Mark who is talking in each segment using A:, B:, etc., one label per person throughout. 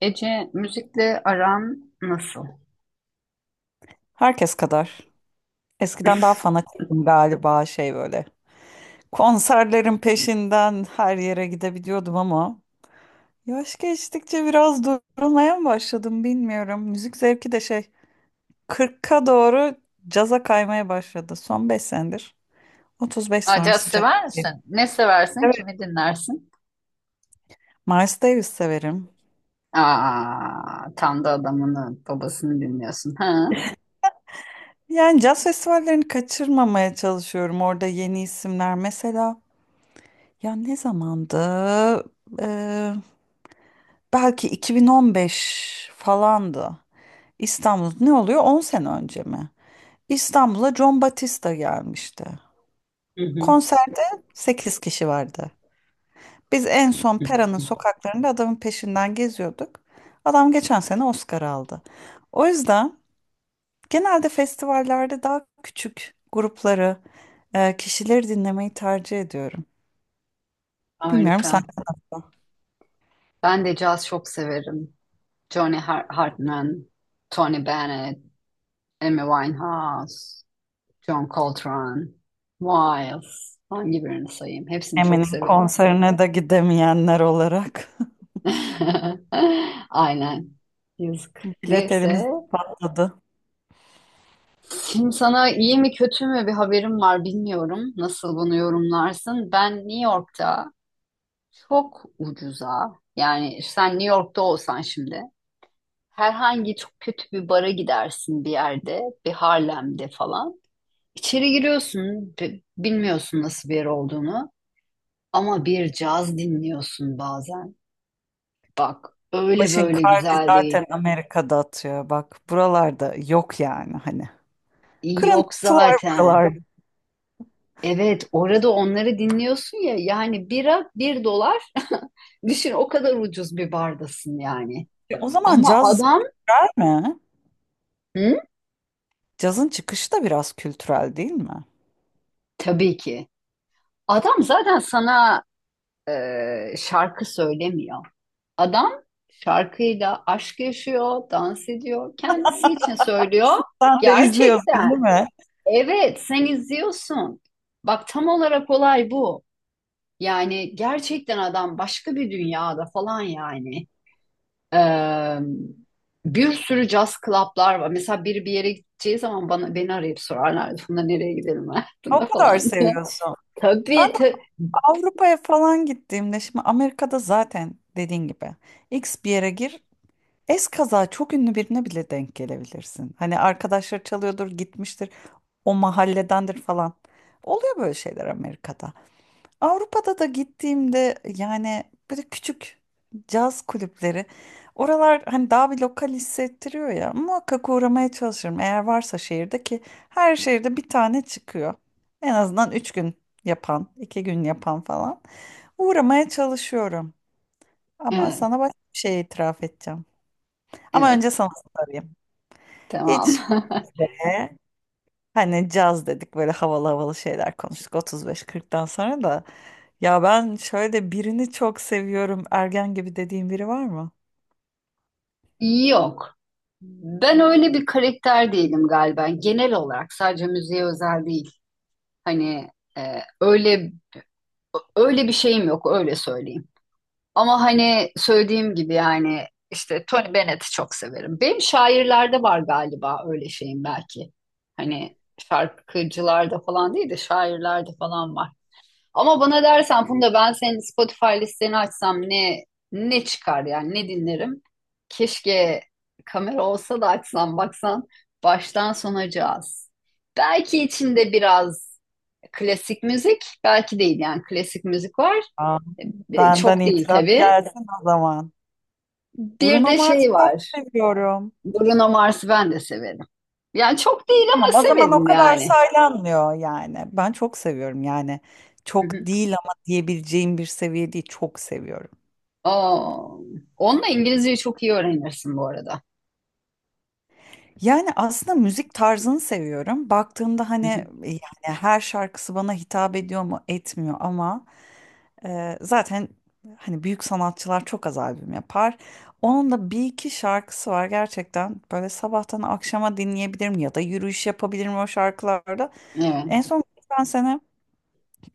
A: Ece, müzikle aran nasıl?
B: Herkes kadar. Eskiden daha fanatiktim galiba böyle. Konserlerin peşinden her yere gidebiliyordum, ama yaş geçtikçe biraz durulmaya mı başladım bilmiyorum. Müzik zevki de 40'a doğru caza kaymaya başladı son 5 senedir. 35
A: Aa, caz
B: sonrası caz.
A: sever misin? Ne seversin?
B: Evet.
A: Kimi dinlersin?
B: Miles Davis severim.
A: Aa, tam da adamını, babasını dinliyorsun. Ha?
B: Yani caz festivallerini kaçırmamaya çalışıyorum. Orada yeni isimler mesela. Ya, ne zamandı? Eee, Belki 2015 falandı. İstanbul ne oluyor? 10 sene önce mi? İstanbul'a John Batista gelmişti.
A: Hı hı.
B: Konserde 8 kişi vardı. Biz en son Pera'nın sokaklarında adamın peşinden geziyorduk. Adam geçen sene Oscar aldı. O yüzden genelde festivallerde daha küçük grupları, kişileri dinlemeyi tercih ediyorum. Bilmiyorum
A: Harika.
B: sen.
A: Ben de caz çok severim. Hartman, Tony Bennett, Amy Winehouse, John Coltrane, Miles. Hangi birini sayayım? Hepsini çok
B: Emin'in
A: severim.
B: konserine de gidemeyenler olarak
A: Aynen. Yazık.
B: bilet elimizde
A: Neyse.
B: patladı.
A: Şimdi sana iyi mi kötü mü bir haberim var bilmiyorum. Nasıl bunu yorumlarsın? Ben New York'ta çok ucuza, yani sen New York'ta olsan şimdi herhangi çok kötü bir bara gidersin, bir yerde, bir Harlem'de falan. İçeri giriyorsun, bilmiyorsun nasıl bir yer olduğunu, ama bir caz dinliyorsun bazen. Bak, öyle
B: Başın
A: böyle
B: kardı
A: güzel değil.
B: zaten, Amerika'da atıyor bak. Buralarda yok yani, hani.
A: İyi yok
B: Kırıntılar
A: zaten.
B: buralarda.
A: Evet, orada onları dinliyorsun ya, yani bira bir dolar. düşün, o kadar ucuz bir bardasın yani.
B: O zaman
A: Ama
B: caz
A: adam,
B: kültürel mi?
A: hı?
B: Cazın çıkışı da biraz kültürel değil mi?
A: Tabii ki. Adam zaten sana şarkı söylemiyor. Adam şarkıyla aşk yaşıyor, dans ediyor, kendisi için söylüyor.
B: Sen de izliyorsun değil
A: Gerçekten.
B: mi?
A: Evet, sen izliyorsun. Bak, tam olarak olay bu. Yani gerçekten adam başka bir dünyada falan yani. Ee, bir sürü jazz club'lar var. Mesela biri bir yere gideceği zaman bana, beni arayıp sorarlar. Funda, nereye gidelim
B: O
A: hayatında
B: kadar
A: falan diye.
B: seviyorsun. Ben
A: Tabii
B: de
A: tabii.
B: Avrupa'ya falan gittiğimde, şimdi Amerika'da zaten dediğin gibi X bir yere gir, eskaza çok ünlü birine bile denk gelebilirsin. Hani arkadaşlar çalıyordur, gitmiştir, o mahalledendir falan. Oluyor böyle şeyler Amerika'da. Avrupa'da da gittiğimde yani böyle küçük caz kulüpleri. Oralar hani daha bir lokal hissettiriyor ya. Muhakkak uğramaya çalışırım. Eğer varsa şehirde ki her şehirde bir tane çıkıyor. En azından 3 gün yapan, 2 gün yapan falan. Uğramaya çalışıyorum. Ama
A: Evet,
B: sana başka bir şey itiraf edeceğim. Ama
A: evet,
B: önce sana sorayım.
A: tamam.
B: Hiç be. Hani caz dedik, böyle havalı havalı şeyler konuştuk 35-40'tan sonra da. Ya ben şöyle birini çok seviyorum, ergen gibi dediğim biri var mı?
A: Yok. Ben öyle bir karakter değilim galiba. Genel olarak, sadece müziğe özel değil. Hani, e, öyle öyle bir şeyim yok, öyle söyleyeyim. Ama hani söylediğim gibi, yani işte Tony Bennett'i çok severim. Benim şairlerde var galiba öyle şeyim, belki. Hani şarkıcılarda falan değil de şairlerde falan var. Ama bana dersen Funda, ben senin Spotify listeni açsam ne çıkar yani, ne dinlerim? Keşke kamera olsa da açsam, baksan, baştan sona caz. Belki içinde biraz klasik müzik, belki değil, yani klasik müzik var.
B: Aa, benden
A: Çok değil
B: itiraf
A: tabii.
B: gelsin o zaman.
A: Bir
B: Bruno
A: de
B: Mars'ı
A: şey
B: çok
A: var.
B: seviyorum.
A: Bruno Mars'ı ben de severim. Yani çok değil ama
B: Tamam, o zaman o
A: severim
B: kadar
A: yani.
B: saylanmıyor yani. Ben çok seviyorum yani.
A: Hı hı.
B: Çok değil ama diyebileceğim bir seviye değil, çok seviyorum.
A: Aa, onunla İngilizceyi çok iyi öğrenirsin bu arada.
B: Yani aslında müzik tarzını seviyorum. Baktığımda
A: Hı
B: hani,
A: hı.
B: yani her şarkısı bana hitap ediyor mu etmiyor, ama zaten, hani, büyük sanatçılar çok az albüm yapar. Onun da bir iki şarkısı var gerçekten, böyle sabahtan akşama dinleyebilirim ya da yürüyüş yapabilirim o şarkılarda.
A: Evet.
B: En son geçen sene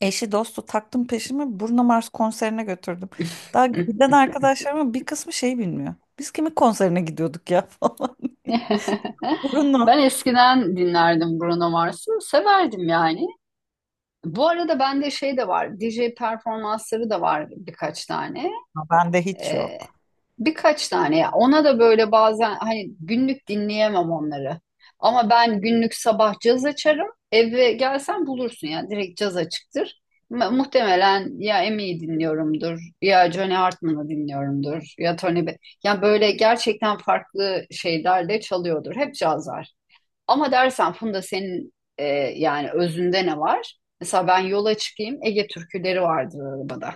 B: eşi dostu taktım peşimi, Bruno Mars konserine götürdüm. Daha giden arkadaşlarımın bir kısmı şey bilmiyor. Biz kimin konserine gidiyorduk ya falan.
A: Ben
B: Bruno.
A: eskiden dinlerdim Bruno Mars'ı. Severdim yani. Bu arada bende şey de var. DJ performansları da var birkaç tane.
B: Bende hiç
A: Ee,
B: yok.
A: birkaç tane ya. Ona da böyle bazen, hani günlük dinleyemem onları. Ama ben günlük sabah caz açarım. Eve gelsen bulursun ya. Direkt caz açıktır. Muhtemelen ya Emi'yi dinliyorumdur, ya Johnny Hartman'ı dinliyorumdur, ya Tony Be... Yani böyle gerçekten farklı şeyler de çalıyordur. Hep caz var. Ama dersen Funda senin, yani özünde ne var? Mesela ben yola çıkayım, Ege türküleri vardır arabada.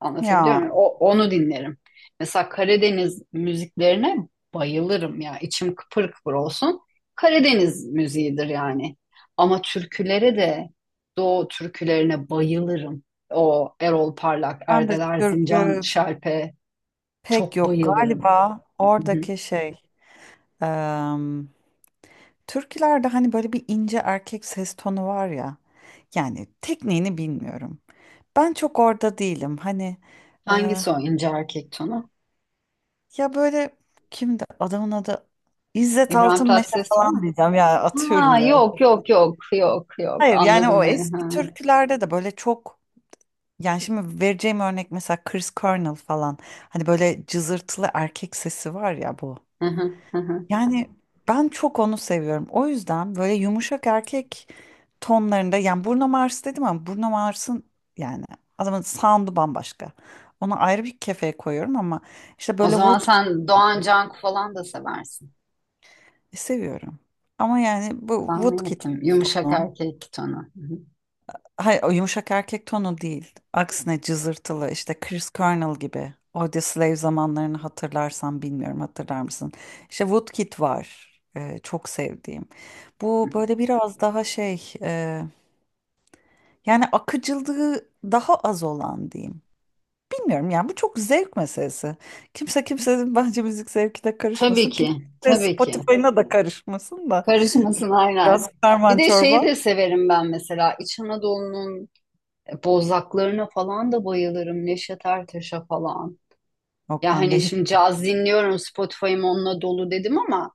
A: Anlatabiliyor
B: Ya
A: muyum? O, onu dinlerim. Mesela Karadeniz müziklerine bayılırım ya. İçim kıpır kıpır olsun. Karadeniz müziğidir yani. Ama türkülere de, Doğu türkülerine bayılırım. O Erol Parlak,
B: ben
A: Erdel
B: de
A: Erzincan,
B: türkü
A: Şerpe,
B: pek
A: çok
B: yok
A: bayılırım.
B: galiba
A: Hı hı.
B: oradaki em, türkülerde hani böyle bir ince erkek ses tonu var ya, yani tekniğini bilmiyorum. Ben çok orada değilim hani. e,
A: Hangisi o ince erkek tonu?
B: Ya böyle, kimdi adamın adı, İzzet
A: İbrahim
B: Altınmeşe
A: Tatlıses o
B: falan
A: mu?
B: diyeceğim ya, atıyorum
A: Ha,
B: ya.
A: yok yok yok yok yok,
B: Hayır, yani o
A: anladım beni.
B: eski
A: Ha.
B: türkülerde de böyle çok. Yani şimdi vereceğim örnek mesela Chris Cornell falan. Hani böyle cızırtılı erkek sesi var ya, bu.
A: Hı hı, hı hı.
B: Yani ben çok onu seviyorum. O yüzden böyle yumuşak erkek tonlarında, yani Bruno Mars dedim ama Bruno Mars'ın, yani adamın sound'u bambaşka. Onu ayrı bir kefeye koyuyorum ama işte
A: O
B: böyle
A: zaman
B: Woodkid'i
A: sen Doğan Canku falan da seversin.
B: seviyorum. Ama yani bu
A: Tahmin
B: Woodkid.
A: ettim. Yumuşak erkek tonu. Hı hı.
B: Hayır, o yumuşak erkek tonu değil. Aksine cızırtılı, işte Chris Cornell gibi. Audio Slave zamanlarını hatırlarsan, bilmiyorum, hatırlar mısın? İşte Woodkid var, çok sevdiğim. Bu böyle biraz daha yani akıcılığı daha az olan diyeyim. Bilmiyorum, yani bu çok zevk meselesi. Kimse kimsenin bence müzik zevkine
A: Tabii
B: karışmasın.
A: ki,
B: Kimse
A: tabii ki.
B: Spotify'ına da karışmasın da.
A: Karışmasın
B: Biraz
A: aynen. Bir
B: karman
A: de şeyi
B: çorba.
A: de severim ben mesela. İç Anadolu'nun bozlaklarına falan da bayılırım. Neşet Ertaş'a falan.
B: Yok
A: Ya
B: bende
A: hani
B: hiç.
A: şimdi caz dinliyorum, Spotify'ım onunla dolu dedim ama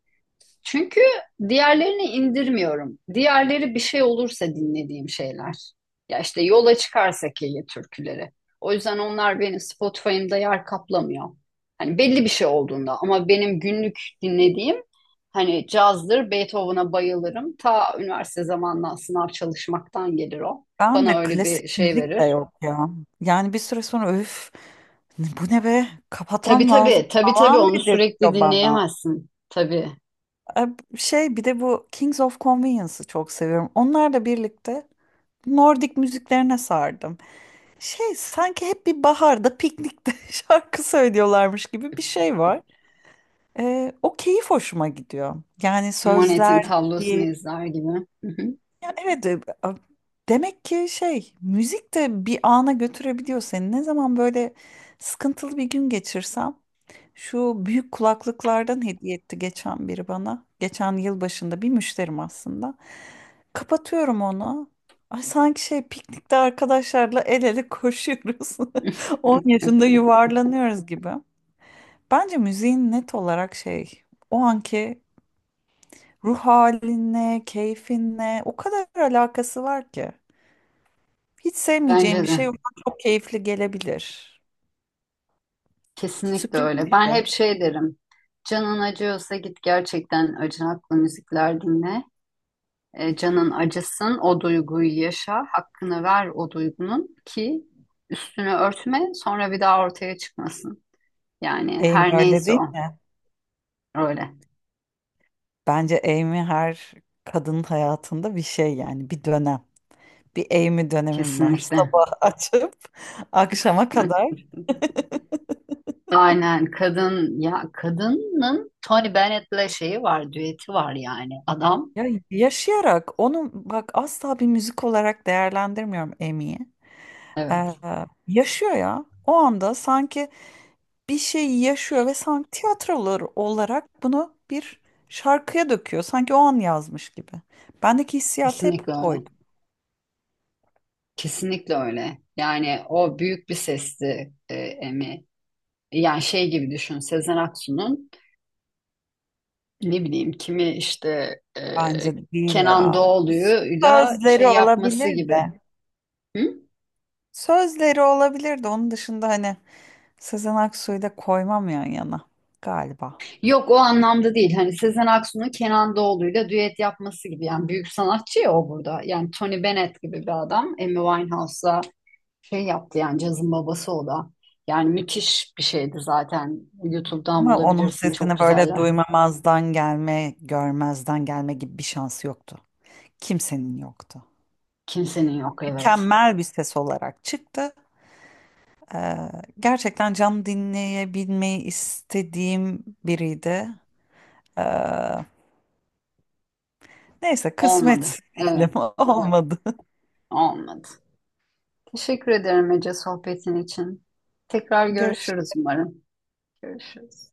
A: çünkü diğerlerini indirmiyorum. Diğerleri, bir şey olursa dinlediğim şeyler. Ya işte yola çıkarsak Ege türküleri. O yüzden onlar benim Spotify'ımda yer kaplamıyor. Hani belli bir şey olduğunda, ama benim günlük dinlediğim, hani cazdır, Beethoven'a bayılırım. Ta üniversite zamanından, sınav çalışmaktan gelir o.
B: Ben
A: Bana
B: de
A: öyle
B: klasik
A: bir şey
B: müzik de
A: verir.
B: yok ya. Yani bir süre sonra, öf, bu ne be,
A: Tabii
B: kapatmam lazım
A: tabii, tabii tabii
B: falan
A: onu sürekli
B: dedirtiyor bana.
A: dinleyemezsin. Tabii.
B: E, Bir de bu Kings of Convenience'ı çok seviyorum. Onlarla birlikte Nordik müziklerine sardım. Sanki hep bir baharda piknikte şarkı söylüyorlarmış gibi bir şey var. O keyif hoşuma gidiyor. Yani
A: Monet'in
B: sözler.
A: tablosunu izler gibi.
B: Yani evet, demek ki müzik de bir ana götürebiliyor seni. Ne zaman böyle sıkıntılı bir gün geçirsem, şu büyük kulaklıklardan hediye etti geçen biri bana. Geçen yıl başında bir müşterim aslında. Kapatıyorum onu. Ay, sanki piknikte arkadaşlarla el ele koşuyoruz. 10 yaşında yuvarlanıyoruz gibi. Bence müziğin net olarak, o anki ruh halinle, keyfinle o kadar alakası var ki. Hiç sevmeyeceğim
A: Bence
B: bir şey
A: de.
B: ona çok keyifli gelebilir.
A: Kesinlikle
B: Sürpriz
A: öyle.
B: bir
A: Ben
B: şey.
A: hep şey derim. Canın acıyorsa git gerçekten acınaklı müzikler dinle. Canın acısın, o duyguyu yaşa, hakkını ver o duygunun ki üstünü örtme, sonra bir daha ortaya çıkmasın. Yani
B: Amy
A: her
B: öyle
A: neyse
B: değil
A: o.
B: mi?
A: Öyle.
B: Bence Amy her kadının hayatında bir şey, yani bir dönem. Bir Amy dönemim var.
A: Kesinlikle.
B: Sabah açıp akşama kadar.
A: Aynen, kadın ya, kadının Tony Bennett'le şeyi var, düeti var yani. Adam.
B: Ya, yaşayarak onu, bak, asla bir müzik olarak değerlendirmiyorum Amy'yi. Ee,
A: Evet.
B: Yaşıyor ya. O anda sanki bir şey yaşıyor ve sanki tiyatrolar olarak bunu bir şarkıya döküyor. Sanki o an yazmış gibi. Bendeki hissiyat hep
A: Kesinlikle öyle.
B: oydu.
A: Kesinlikle öyle. Yani o büyük bir sesti, Emi. Yani şey gibi düşün, Sezen Aksu'nun ne bileyim kimi işte,
B: Bence de değil
A: Kenan
B: ya.
A: Doğulu'yla şey
B: Sözleri
A: yapması
B: olabilir
A: gibi.
B: de.
A: Hı?
B: Onun dışında hani Sezen Aksu'yu da koymam yan yana galiba.
A: Yok, o anlamda değil. Hani Sezen Aksu'nun Kenan Doğulu'yla düet yapması gibi. Yani büyük sanatçı ya o burada. Yani Tony Bennett gibi bir adam. Amy Winehouse'la şey yaptı yani, cazın babası o da. Yani müthiş bir şeydi zaten. YouTube'dan
B: Ama onun
A: bulabilirsin, çok
B: sesini böyle
A: güzeller.
B: duymamazdan gelme, görmezden gelme gibi bir şansı yoktu. Kimsenin yoktu.
A: Kimsenin yok, evet.
B: Mükemmel bir ses olarak çıktı. Ee, Gerçekten canlı dinleyebilmeyi istediğim biriydi. Ee, Neyse,
A: Olmadı.
B: kısmet
A: Evet,
B: diyelim,
A: evet,
B: olmadı.
A: olmadı. Teşekkür ederim Ece, sohbetin için. Tekrar
B: Görüşürüz.
A: görüşürüz umarım. Görüşürüz.